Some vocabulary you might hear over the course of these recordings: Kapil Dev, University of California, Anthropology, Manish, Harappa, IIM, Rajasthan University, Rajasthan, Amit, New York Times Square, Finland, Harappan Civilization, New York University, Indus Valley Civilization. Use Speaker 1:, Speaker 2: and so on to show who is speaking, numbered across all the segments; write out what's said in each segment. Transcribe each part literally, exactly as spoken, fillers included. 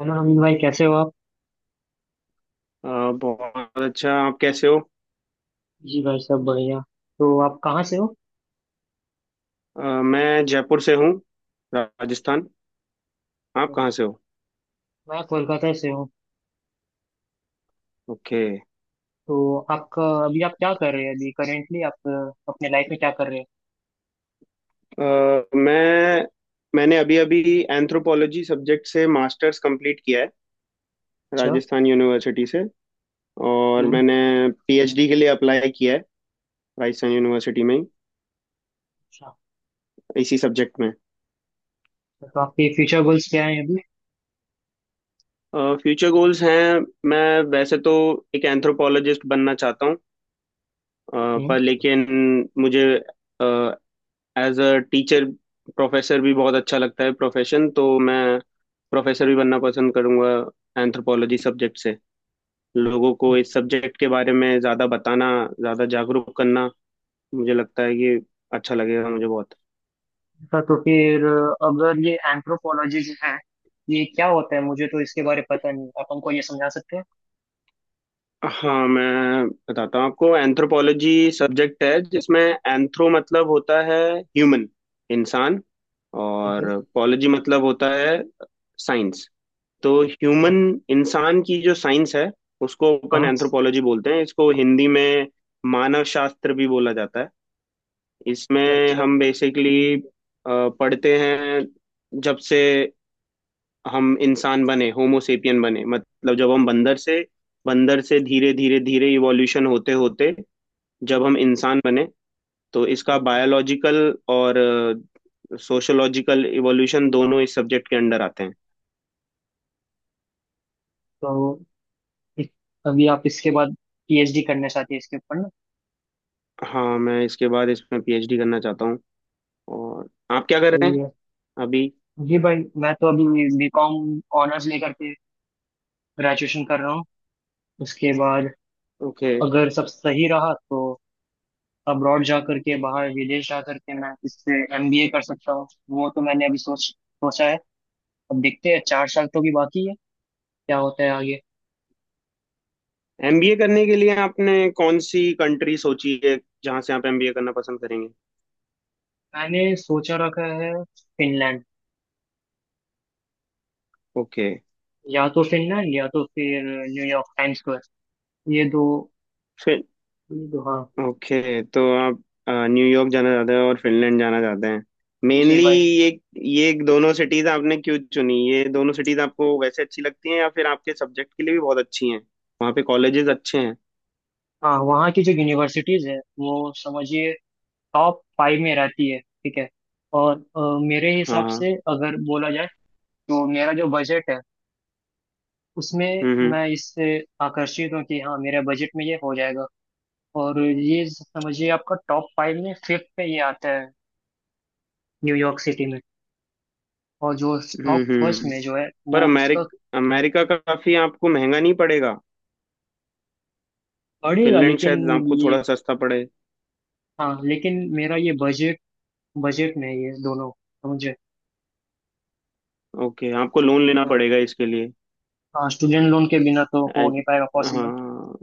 Speaker 1: Hello Amit भाई, कैसे हो आप?
Speaker 2: अ, बहुत अच्छा। आप कैसे हो?
Speaker 1: जी भाई, सब बढ़िया। तो आप कहाँ से हो?
Speaker 2: अ, मैं जयपुर से हूँ, राजस्थान। आप कहाँ से हो?
Speaker 1: मैं कोलकाता से हूँ।
Speaker 2: ओके।
Speaker 1: तो आपका अभी, आप क्या कर रहे हैं अभी? करेंटली आप अ, अपने लाइफ में क्या कर रहे हैं?
Speaker 2: अ, मैं मैंने अभी अभी एंथ्रोपोलॉजी सब्जेक्ट से मास्टर्स कंप्लीट किया है,
Speaker 1: अच्छा।
Speaker 2: राजस्थान यूनिवर्सिटी से। और
Speaker 1: हम्म।
Speaker 2: मैंने पीएचडी के लिए अप्लाई किया है, राजस्थान यूनिवर्सिटी में ही,
Speaker 1: अच्छा।
Speaker 2: इसी सब्जेक्ट में।
Speaker 1: तो आपके फ्यूचर गोल्स क्या हैं अभी?
Speaker 2: फ्यूचर गोल्स हैं, मैं वैसे तो एक एंथ्रोपोलॉजिस्ट बनना चाहता हूँ। अ, पर
Speaker 1: हम्म।
Speaker 2: लेकिन मुझे एज अ टीचर, प्रोफेसर भी बहुत अच्छा लगता है, प्रोफेशन तो। मैं प्रोफेसर भी बनना पसंद करूंगा, एंथ्रोपोलॉजी सब्जेक्ट से। लोगों को इस सब्जेक्ट के बारे में ज़्यादा बताना, ज़्यादा जागरूक करना मुझे लगता है कि अच्छा लगेगा मुझे बहुत।
Speaker 1: अच्छा, तो फिर अ, अगर ये एंथ्रोपोलॉजी जो है, ये क्या होता है? मुझे तो इसके बारे में पता नहीं, आप हमको ये समझा सकते हैं?
Speaker 2: हाँ मैं बताता हूँ आपको। एंथ्रोपोलॉजी सब्जेक्ट है जिसमें एंथ्रो मतलब होता है ह्यूमन, इंसान।
Speaker 1: ठीक
Speaker 2: और
Speaker 1: है।
Speaker 2: पॉलोजी मतलब होता है साइंस। तो
Speaker 1: अच्छा।
Speaker 2: ह्यूमन, इंसान की जो साइंस है उसको ओपन
Speaker 1: हाँ।
Speaker 2: एंथ्रोपोलॉजी बोलते हैं। इसको हिंदी में मानव शास्त्र भी बोला जाता है। इसमें
Speaker 1: अच्छा।
Speaker 2: हम बेसिकली पढ़ते हैं जब से हम इंसान बने, होमोसेपियन बने। मतलब जब हम बंदर से बंदर से धीरे धीरे धीरे इवोल्यूशन होते होते जब
Speaker 1: हम्म।
Speaker 2: हम इंसान बने, तो इसका
Speaker 1: अच्छा।
Speaker 2: बायोलॉजिकल और सोशोलॉजिकल इवोल्यूशन दोनों इस सब्जेक्ट के अंडर आते हैं।
Speaker 1: तो इस- अभी आप इसके बाद पी एच डी करना चाहते हैं इसके ऊपर, ना?
Speaker 2: हाँ मैं इसके बाद इसमें पीएचडी करना चाहता हूँ। और आप क्या कर रहे हैं
Speaker 1: सही है।
Speaker 2: अभी?
Speaker 1: जी भाई, मैं तो अभी बी कॉम ऑनर्स लेकर के ग्रेजुएशन कर रहा हूँ। उसके बाद,
Speaker 2: ओके।
Speaker 1: अगर सब सही रहा तो अब्रॉड जा करके, बाहर विदेश जा करके मैं इससे एम बी ए कर सकता हूँ, वो तो मैंने अभी सोच सोचा है। अब देखते हैं, चार साल तो भी बाकी है, क्या होता है आगे।
Speaker 2: एमबीए करने के लिए आपने कौन सी कंट्री सोची है, जहां से आप एमबीए करना पसंद करेंगे?
Speaker 1: मैंने सोचा रखा है, फिनलैंड।
Speaker 2: ओके।
Speaker 1: या तो फिनलैंड या तो फिर न्यूयॉर्क टाइम स्क्वायर, ये दो।
Speaker 2: फिर।
Speaker 1: ये दो हाँ।
Speaker 2: ओके, तो आप अ, न्यूयॉर्क जाना चाहते हैं और फिनलैंड जाना चाहते हैं,
Speaker 1: जी
Speaker 2: मेनली
Speaker 1: भाई।
Speaker 2: ये। ये दोनों सिटीज आपने क्यों चुनी? ये दोनों सिटीज आपको वैसे अच्छी लगती हैं या फिर आपके सब्जेक्ट के लिए भी बहुत अच्छी हैं, वहाँ पे कॉलेजेस अच्छे हैं?
Speaker 1: हाँ, वहाँ की जो यूनिवर्सिटीज है वो समझिए, टॉप फाइव में रहती है। ठीक है। और अ, मेरे
Speaker 2: हाँ
Speaker 1: हिसाब
Speaker 2: हाँ।
Speaker 1: से अगर बोला जाए, तो मेरा जो बजट है, उसमें
Speaker 2: हम्म हम्म।
Speaker 1: मैं इससे आकर्षित हूँ कि हाँ, मेरे बजट में ये हो जाएगा। और ये समझिए, आपका टॉप फाइव में फिफ्थ पे ये आता है, न्यूयॉर्क सिटी में। और जो टॉप
Speaker 2: हम्म हम्म।
Speaker 1: फर्स्ट
Speaker 2: हम्म।
Speaker 1: में जो है,
Speaker 2: पर
Speaker 1: वो उसका
Speaker 2: अमेरिक अमेरिका का काफी आपको महंगा नहीं पड़ेगा?
Speaker 1: पड़ेगा,
Speaker 2: फिनलैंड
Speaker 1: लेकिन
Speaker 2: शायद आपको
Speaker 1: ये,
Speaker 2: थोड़ा सस्ता पड़े।
Speaker 1: हाँ लेकिन मेरा ये बजट बजट में है, ये दोनों, समझे।
Speaker 2: ओके, आपको लोन लेना पड़ेगा इसके लिए।
Speaker 1: हाँ, स्टूडेंट लोन के बिना तो हो
Speaker 2: एज-
Speaker 1: नहीं पाएगा पॉसिबल।
Speaker 2: हाँ,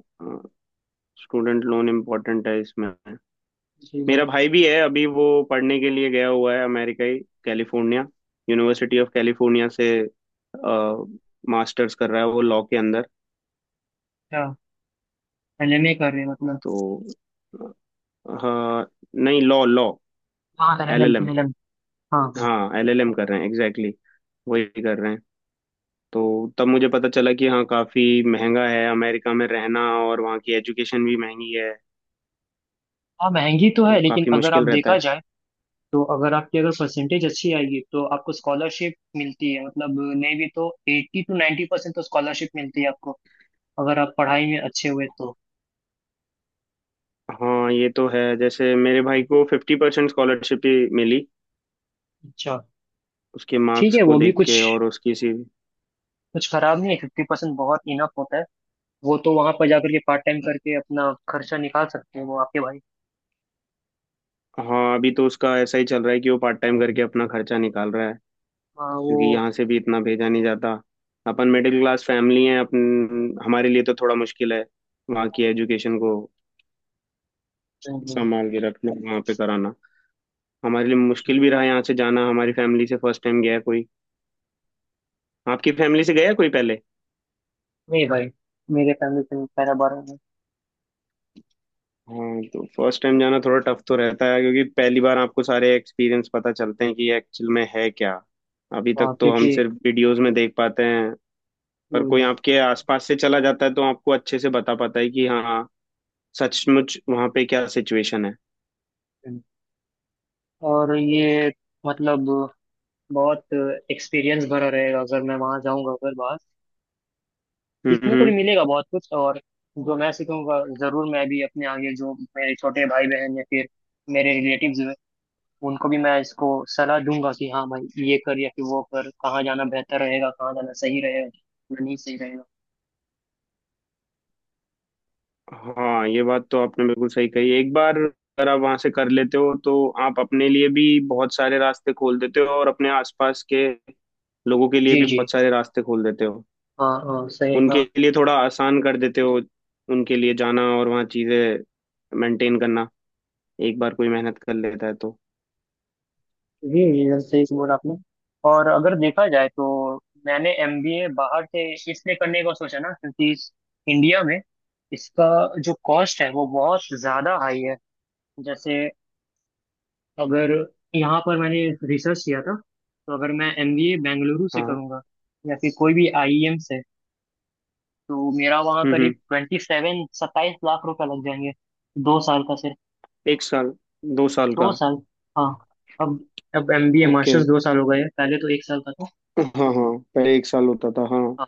Speaker 2: स्टूडेंट लोन इम्पोर्टेंट है इसमें।
Speaker 1: जी
Speaker 2: मेरा
Speaker 1: बात।
Speaker 2: भाई भी है, अभी वो पढ़ने के लिए गया हुआ है अमेरिका ही, कैलिफोर्निया। यूनिवर्सिटी ऑफ कैलिफोर्निया से मास्टर्स कर रहा है वो, लॉ के अंदर।
Speaker 1: हाँ, एल एम ए कर रहे हैं मतलब।
Speaker 2: तो हाँ। नहीं, लॉ लॉ,
Speaker 1: हाँ, एनिमल
Speaker 2: एलएलएम।
Speaker 1: एनिमल। हाँ, हाँ।
Speaker 2: हाँ एलएलएम
Speaker 1: हाँ।
Speaker 2: कर रहे हैं, एग्जैक्टली exactly, वही कर रहे हैं। तो तब मुझे पता चला कि हाँ काफी महंगा है अमेरिका में रहना, और वहाँ की एजुकेशन भी महंगी है,
Speaker 1: हाँ, महंगी तो
Speaker 2: तो
Speaker 1: है, लेकिन
Speaker 2: काफी
Speaker 1: अगर आप
Speaker 2: मुश्किल रहता
Speaker 1: देखा
Speaker 2: है।
Speaker 1: जाए तो, अगर आपकी अगर परसेंटेज अच्छी आएगी तो आपको स्कॉलरशिप मिलती है। मतलब, नहीं भी तो एट्टी टू नाइन्टी परसेंट तो स्कॉलरशिप मिलती है आपको, अगर आप पढ़ाई में अच्छे हुए तो।
Speaker 2: हाँ ये तो है। जैसे मेरे भाई को फिफ्टी परसेंट स्कॉलरशिप ही मिली,
Speaker 1: अच्छा।
Speaker 2: उसके
Speaker 1: ठीक
Speaker 2: मार्क्स
Speaker 1: है,
Speaker 2: को
Speaker 1: वो भी
Speaker 2: देख
Speaker 1: कुछ
Speaker 2: के और उसकी सी।
Speaker 1: कुछ खराब नहीं है, फिफ्टी परसेंट बहुत इनफ होता है। वो तो वहां पर जाकर के पार्ट टाइम करके अपना खर्चा निकाल सकते हैं वो, आपके भाई।
Speaker 2: हाँ अभी तो उसका ऐसा ही चल रहा है कि वो पार्ट टाइम करके अपना खर्चा निकाल रहा है,
Speaker 1: हाँ, वो।
Speaker 2: क्योंकि यहाँ से भी इतना भेजा नहीं जाता। अपन मिडिल क्लास फैमिली है अपन, हमारे लिए तो थोड़ा मुश्किल है वहाँ की एजुकेशन को
Speaker 1: नहीं, नहीं।
Speaker 2: संभाल के रखना, वहाँ पे कराना। हमारे लिए मुश्किल भी रहा यहाँ से जाना, हमारी फैमिली से फर्स्ट टाइम गया कोई। आपकी फैमिली से गया कोई पहले?
Speaker 1: नहीं भाई, मेरे फैमिली में पैरा बारह है।
Speaker 2: हाँ, तो फर्स्ट टाइम जाना थोड़ा टफ तो रहता है, क्योंकि पहली बार आपको सारे एक्सपीरियंस पता चलते हैं कि एक्चुअल में है क्या। अभी
Speaker 1: हाँ,
Speaker 2: तक तो हम
Speaker 1: क्योंकि।
Speaker 2: सिर्फ वीडियोस में देख पाते हैं, पर कोई आपके आसपास से चला जाता है तो आपको अच्छे से बता पाता है कि हाँ सचमुच वहाँ पे क्या सिचुएशन है।
Speaker 1: हम्म। और ये, मतलब बहुत एक्सपीरियंस भरा रहेगा अगर मैं वहां जाऊंगा, अगर बाहर।
Speaker 2: हम्म
Speaker 1: सीखने को भी
Speaker 2: हम्म।
Speaker 1: मिलेगा बहुत कुछ, और जो मैं सीखूंगा, जरूर मैं भी अपने आगे, जो मेरे छोटे भाई बहन या फिर मेरे रिलेटिव्स हैं, उनको भी मैं इसको सलाह दूंगा कि हाँ भाई, ये कर या फिर वो कर, कहाँ जाना बेहतर रहेगा, कहाँ जाना सही रहेगा, कहाँ नहीं सही रहेगा।
Speaker 2: हाँ ये बात तो आपने बिल्कुल सही कही। एक बार अगर आप वहाँ से कर लेते हो तो आप अपने लिए भी बहुत सारे रास्ते खोल देते हो, और अपने आसपास के लोगों के लिए
Speaker 1: जी,
Speaker 2: भी
Speaker 1: जी।
Speaker 2: बहुत सारे रास्ते खोल देते हो।
Speaker 1: हाँ, हाँ, सही, हाँ।
Speaker 2: उनके लिए थोड़ा आसान कर देते हो, उनके लिए जाना और वहाँ चीज़ें मेंटेन करना। एक बार कोई मेहनत कर लेता है तो।
Speaker 1: जी, जी सर, सही बोला आपने। और अगर देखा जाए, तो मैंने एम बी ए बाहर से इसलिए करने का सोचा ना, क्योंकि इस- इंडिया में इसका जो कॉस्ट है वो बहुत ज्यादा हाई है। जैसे, अगर यहाँ पर मैंने रिसर्च किया था, तो अगर मैं एम बी ए बेंगलुरु से
Speaker 2: हाँ।
Speaker 1: करूँगा या फिर कोई भी आई आई एम से, तो मेरा वहाँ
Speaker 2: हम्म
Speaker 1: करीब
Speaker 2: हम्म।
Speaker 1: ट्वेंटी सेवन सत्ताईस लाख रुपए लग जाएंगे, दो साल का सिर्फ।
Speaker 2: एक साल, दो साल
Speaker 1: दो
Speaker 2: का।
Speaker 1: साल, हाँ। अब अब एम बी ए
Speaker 2: ओके।
Speaker 1: मास्टर्स दो साल हो गए हैं, पहले तो एक साल का था।
Speaker 2: हाँ हाँ, पहले एक साल होता था हाँ।
Speaker 1: हाँ।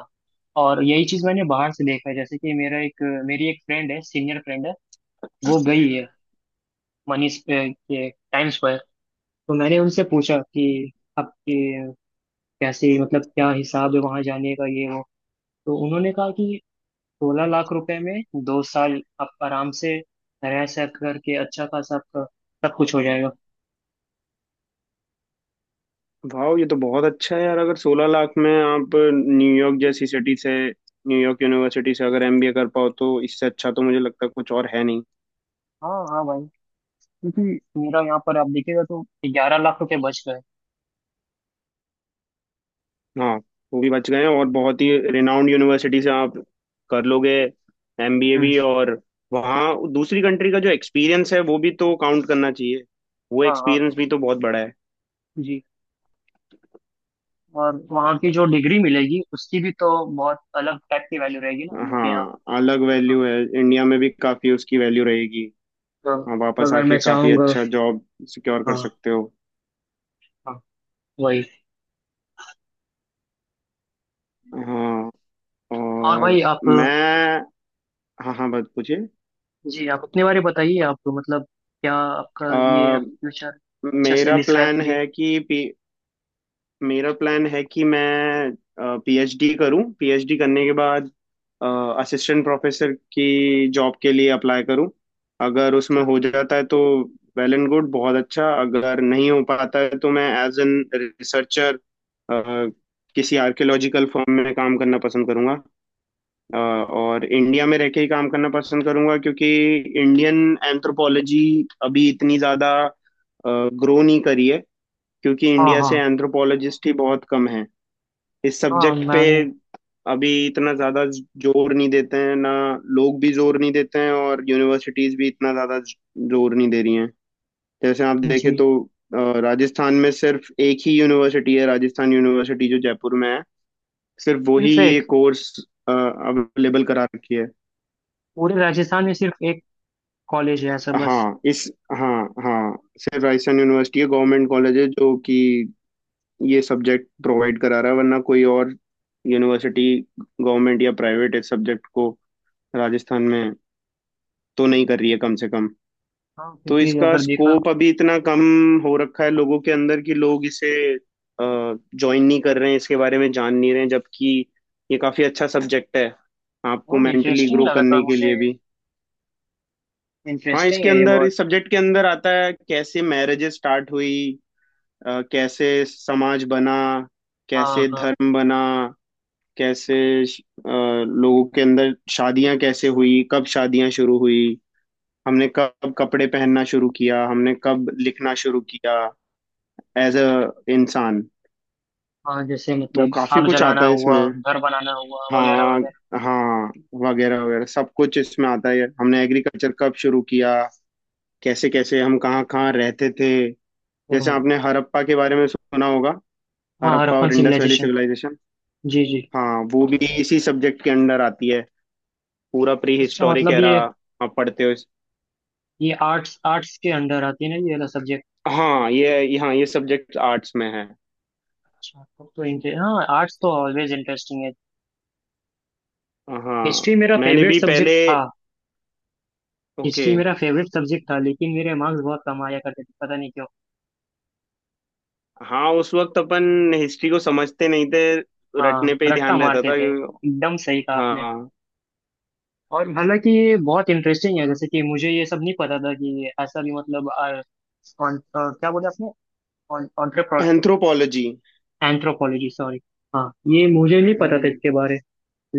Speaker 1: और यही चीज मैंने बाहर से देखा है, जैसे कि मेरा एक, मेरी एक फ्रेंड है, सीनियर फ्रेंड है, वो गई है मनीष पे- के टाइम स्क्वायर। तो मैंने उनसे पूछा कि आपके कैसे, मतलब क्या हिसाब है वहां जाने का, ये वो। तो उन्होंने कहा कि सोलह लाख रुपए में दो साल आप आराम से रह सक करके अच्छा खासा आपका सब कुछ हो जाएगा।
Speaker 2: वाह, ये तो बहुत अच्छा है यार। अगर सोलह लाख में आप न्यूयॉर्क जैसी सिटी से, न्यूयॉर्क यूनिवर्सिटी से अगर एमबीए कर पाओ तो इससे अच्छा तो मुझे लगता है कुछ और है नहीं।
Speaker 1: हाँ, हाँ भाई। क्योंकि मेरा यहाँ पर आप देखिएगा तो ग्यारह लाख रुपए बच गए।
Speaker 2: हाँ वो भी बच गए हैं और बहुत ही रिनाउंड यूनिवर्सिटी से आप कर लोगे एमबीए
Speaker 1: हम्म।
Speaker 2: भी। और वहाँ दूसरी कंट्री का जो एक्सपीरियंस है वो भी तो काउंट करना चाहिए। वो
Speaker 1: हाँ, हाँ।
Speaker 2: एक्सपीरियंस भी तो बहुत बड़ा है।
Speaker 1: जी। और वहाँ की जो डिग्री मिलेगी, उसकी भी तो बहुत अलग टाइप की वैल्यू रहेगी ना, हम लोग के यहाँ।
Speaker 2: हाँ अलग
Speaker 1: हाँ।
Speaker 2: वैल्यू है, इंडिया में भी काफी उसकी वैल्यू रहेगी।
Speaker 1: तो
Speaker 2: हाँ,
Speaker 1: तो
Speaker 2: वापस
Speaker 1: अगर
Speaker 2: आके
Speaker 1: मैं
Speaker 2: काफी
Speaker 1: चाहूंगा,
Speaker 2: अच्छा जॉब सिक्योर कर
Speaker 1: हाँ,
Speaker 2: सकते हो।
Speaker 1: हाँ, वही।
Speaker 2: हाँ
Speaker 1: और
Speaker 2: और
Speaker 1: भाई आप,
Speaker 2: मैं। हाँ हाँ, बात पूछिए।
Speaker 1: जी, आप अपने बारे में बताइए। आप मतलब, क्या आपका, ये
Speaker 2: अ,
Speaker 1: फ्यूचर अच्छे से
Speaker 2: मेरा
Speaker 1: डिस्क्राइब
Speaker 2: प्लान
Speaker 1: करिए।
Speaker 2: है कि मेरा प्लान है कि मैं पीएचडी करूं। पीएचडी करने के बाद असिस्टेंट प्रोफेसर की जॉब के लिए अप्लाई करूं। अगर उसमें
Speaker 1: अच्छा।
Speaker 2: हो जाता है तो वेल एंड गुड, बहुत अच्छा। अगर नहीं हो पाता है तो मैं एज एन रिसर्चर किसी आर्कियोलॉजिकल फर्म में काम करना पसंद करूंगा। अ, और इंडिया में रह के ही काम करना पसंद करूंगा, क्योंकि इंडियन एंथ्रोपोलॉजी अभी इतनी ज़्यादा ग्रो नहीं करी है। क्योंकि
Speaker 1: हाँ,
Speaker 2: इंडिया
Speaker 1: हाँ।
Speaker 2: से एंथ्रोपोलॉजिस्ट ही बहुत कम है इस
Speaker 1: हाँ,
Speaker 2: सब्जेक्ट पे।
Speaker 1: मैंने,
Speaker 2: अभी इतना ज्यादा जोर नहीं देते हैं ना, लोग भी जोर नहीं देते हैं और यूनिवर्सिटीज भी इतना ज्यादा जोर नहीं दे रही हैं। जैसे आप देखें
Speaker 1: जी।
Speaker 2: तो, अ, राजस्थान में सिर्फ एक ही यूनिवर्सिटी है, राजस्थान यूनिवर्सिटी जो जयपुर में है, सिर्फ वही
Speaker 1: सिर्फ
Speaker 2: ये
Speaker 1: एक?
Speaker 2: कोर्स अवेलेबल करा रखी है।
Speaker 1: पूरे राजस्थान में सिर्फ एक कॉलेज है ऐसा, बस?
Speaker 2: हाँ इस हाँ हाँ, सिर्फ राजस्थान यूनिवर्सिटी है, गवर्नमेंट कॉलेज है जो कि ये सब्जेक्ट प्रोवाइड करा रहा है। वरना कोई और यूनिवर्सिटी, गवर्नमेंट या प्राइवेट, इस सब्जेक्ट को राजस्थान में तो नहीं कर रही है कम से कम।
Speaker 1: हाँ,
Speaker 2: तो
Speaker 1: क्योंकि
Speaker 2: इसका
Speaker 1: अगर देखा,
Speaker 2: स्कोप अभी इतना कम हो रखा है लोगों के अंदर कि लोग इसे ज्वाइन नहीं कर रहे हैं, इसके बारे में जान नहीं रहे हैं। जबकि ये काफी अच्छा सब्जेक्ट है आपको
Speaker 1: हाँ,
Speaker 2: मेंटली
Speaker 1: इंटरेस्टिंग
Speaker 2: ग्रो
Speaker 1: लगा था
Speaker 2: करने के
Speaker 1: मुझे,
Speaker 2: लिए भी। हाँ,
Speaker 1: इंटरेस्टिंग
Speaker 2: इसके
Speaker 1: है ये
Speaker 2: अंदर,
Speaker 1: बहुत।
Speaker 2: इस सब्जेक्ट के अंदर आता है कैसे मैरिजेस स्टार्ट हुई, अ, कैसे समाज बना,
Speaker 1: हाँ,
Speaker 2: कैसे धर्म बना, कैसे श- अ, लोगों के अंदर शादियां कैसे हुई, कब शादियां शुरू हुई, हमने कब कपड़े पहनना शुरू किया, हमने कब लिखना शुरू किया एज अ
Speaker 1: हाँ।
Speaker 2: इंसान।
Speaker 1: हाँ, जैसे
Speaker 2: तो
Speaker 1: मतलब
Speaker 2: काफी
Speaker 1: आग
Speaker 2: कुछ
Speaker 1: जलाना
Speaker 2: आता है
Speaker 1: हुआ,
Speaker 2: इसमें।
Speaker 1: घर बनाना हुआ, वगैरह
Speaker 2: हाँ
Speaker 1: वगैरह।
Speaker 2: हाँ। वगैरह वगैरह, सब कुछ इसमें आता है। हमने एग्रीकल्चर कब शुरू किया, कैसे कैसे हम कहाँ कहाँ रहते थे। जैसे
Speaker 1: हम्म।
Speaker 2: आपने हड़प्पा के बारे में सुना होगा,
Speaker 1: हाँ,
Speaker 2: हड़प्पा
Speaker 1: हड़प्पन
Speaker 2: और इंडस वैली
Speaker 1: सिविलाइजेशन।
Speaker 2: सिविलाइजेशन।
Speaker 1: जी, जी।
Speaker 2: हाँ वो भी इसी सब्जेक्ट के अंदर आती है। पूरा प्री
Speaker 1: अच्छा,
Speaker 2: हिस्टोरिक
Speaker 1: मतलब
Speaker 2: एरा
Speaker 1: ये
Speaker 2: आप पढ़ते हो इस-
Speaker 1: ये आर्ट्स, आर्ट्स के अंडर आती है ना ये वाला सब्जेक्ट?
Speaker 2: हाँ ये ये- हाँ ये सब्जेक्ट आर्ट्स में है।
Speaker 1: अच्छा, तब तो इंटर, हाँ, आर्ट्स तो ऑलवेज इंटरेस्टिंग है।
Speaker 2: हाँ
Speaker 1: हिस्ट्री मेरा
Speaker 2: मैंने
Speaker 1: फेवरेट
Speaker 2: भी
Speaker 1: सब्जेक्ट
Speaker 2: पहले।
Speaker 1: था।
Speaker 2: ओके।
Speaker 1: हिस्ट्री मेरा फेवरेट सब्जेक्ट था, लेकिन मेरे मार्क्स बहुत कम आया करते थे, पता नहीं क्यों।
Speaker 2: हाँ उस वक्त अपन हिस्ट्री को समझते नहीं थे, रटने
Speaker 1: हाँ,
Speaker 2: पे ही
Speaker 1: रट्टा
Speaker 2: ध्यान रहता
Speaker 1: मारते
Speaker 2: था।
Speaker 1: थे, एकदम सही कहा आपने।
Speaker 2: हाँ।
Speaker 1: और हालांकि ये बहुत इंटरेस्टिंग है, जैसे कि मुझे ये सब नहीं पता था, कि ऐसा भी, मतलब आ, कौन- अ, क्या बोले आपने?
Speaker 2: एंथ्रोपोलॉजी।
Speaker 1: Anthropology, sorry. हाँ, ये मुझे नहीं पता था
Speaker 2: हम्म।
Speaker 1: इसके बारे।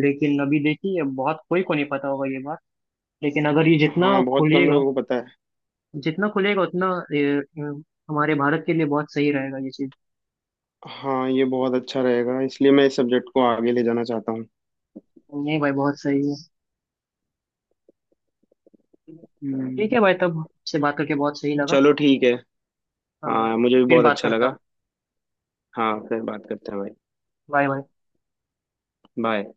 Speaker 1: लेकिन अभी देखिए, बहुत कोई को नहीं पता होगा ये बात। लेकिन अगर ये जितना
Speaker 2: हाँ बहुत कम
Speaker 1: खुलेगा
Speaker 2: लोगों को पता है।
Speaker 1: जितना खुलेगा उतना, ये, अ, हमारे भारत के लिए बहुत सही रहेगा ये चीज।
Speaker 2: हाँ ये बहुत अच्छा रहेगा, इसलिए मैं इस सब्जेक्ट को आगे ले जाना चाहता हूँ।
Speaker 1: नहीं भाई, बहुत सही है। ठीक है
Speaker 2: हम्म।
Speaker 1: भाई, तब से बात करके बहुत सही लगा।
Speaker 2: चलो ठीक है।
Speaker 1: हाँ भाई।
Speaker 2: हाँ मुझे भी
Speaker 1: फिर
Speaker 2: बहुत
Speaker 1: बात
Speaker 2: अच्छा
Speaker 1: करता हूँ।
Speaker 2: लगा। हाँ फिर बात करते हैं भाई।
Speaker 1: Bye, bye.
Speaker 2: बाय।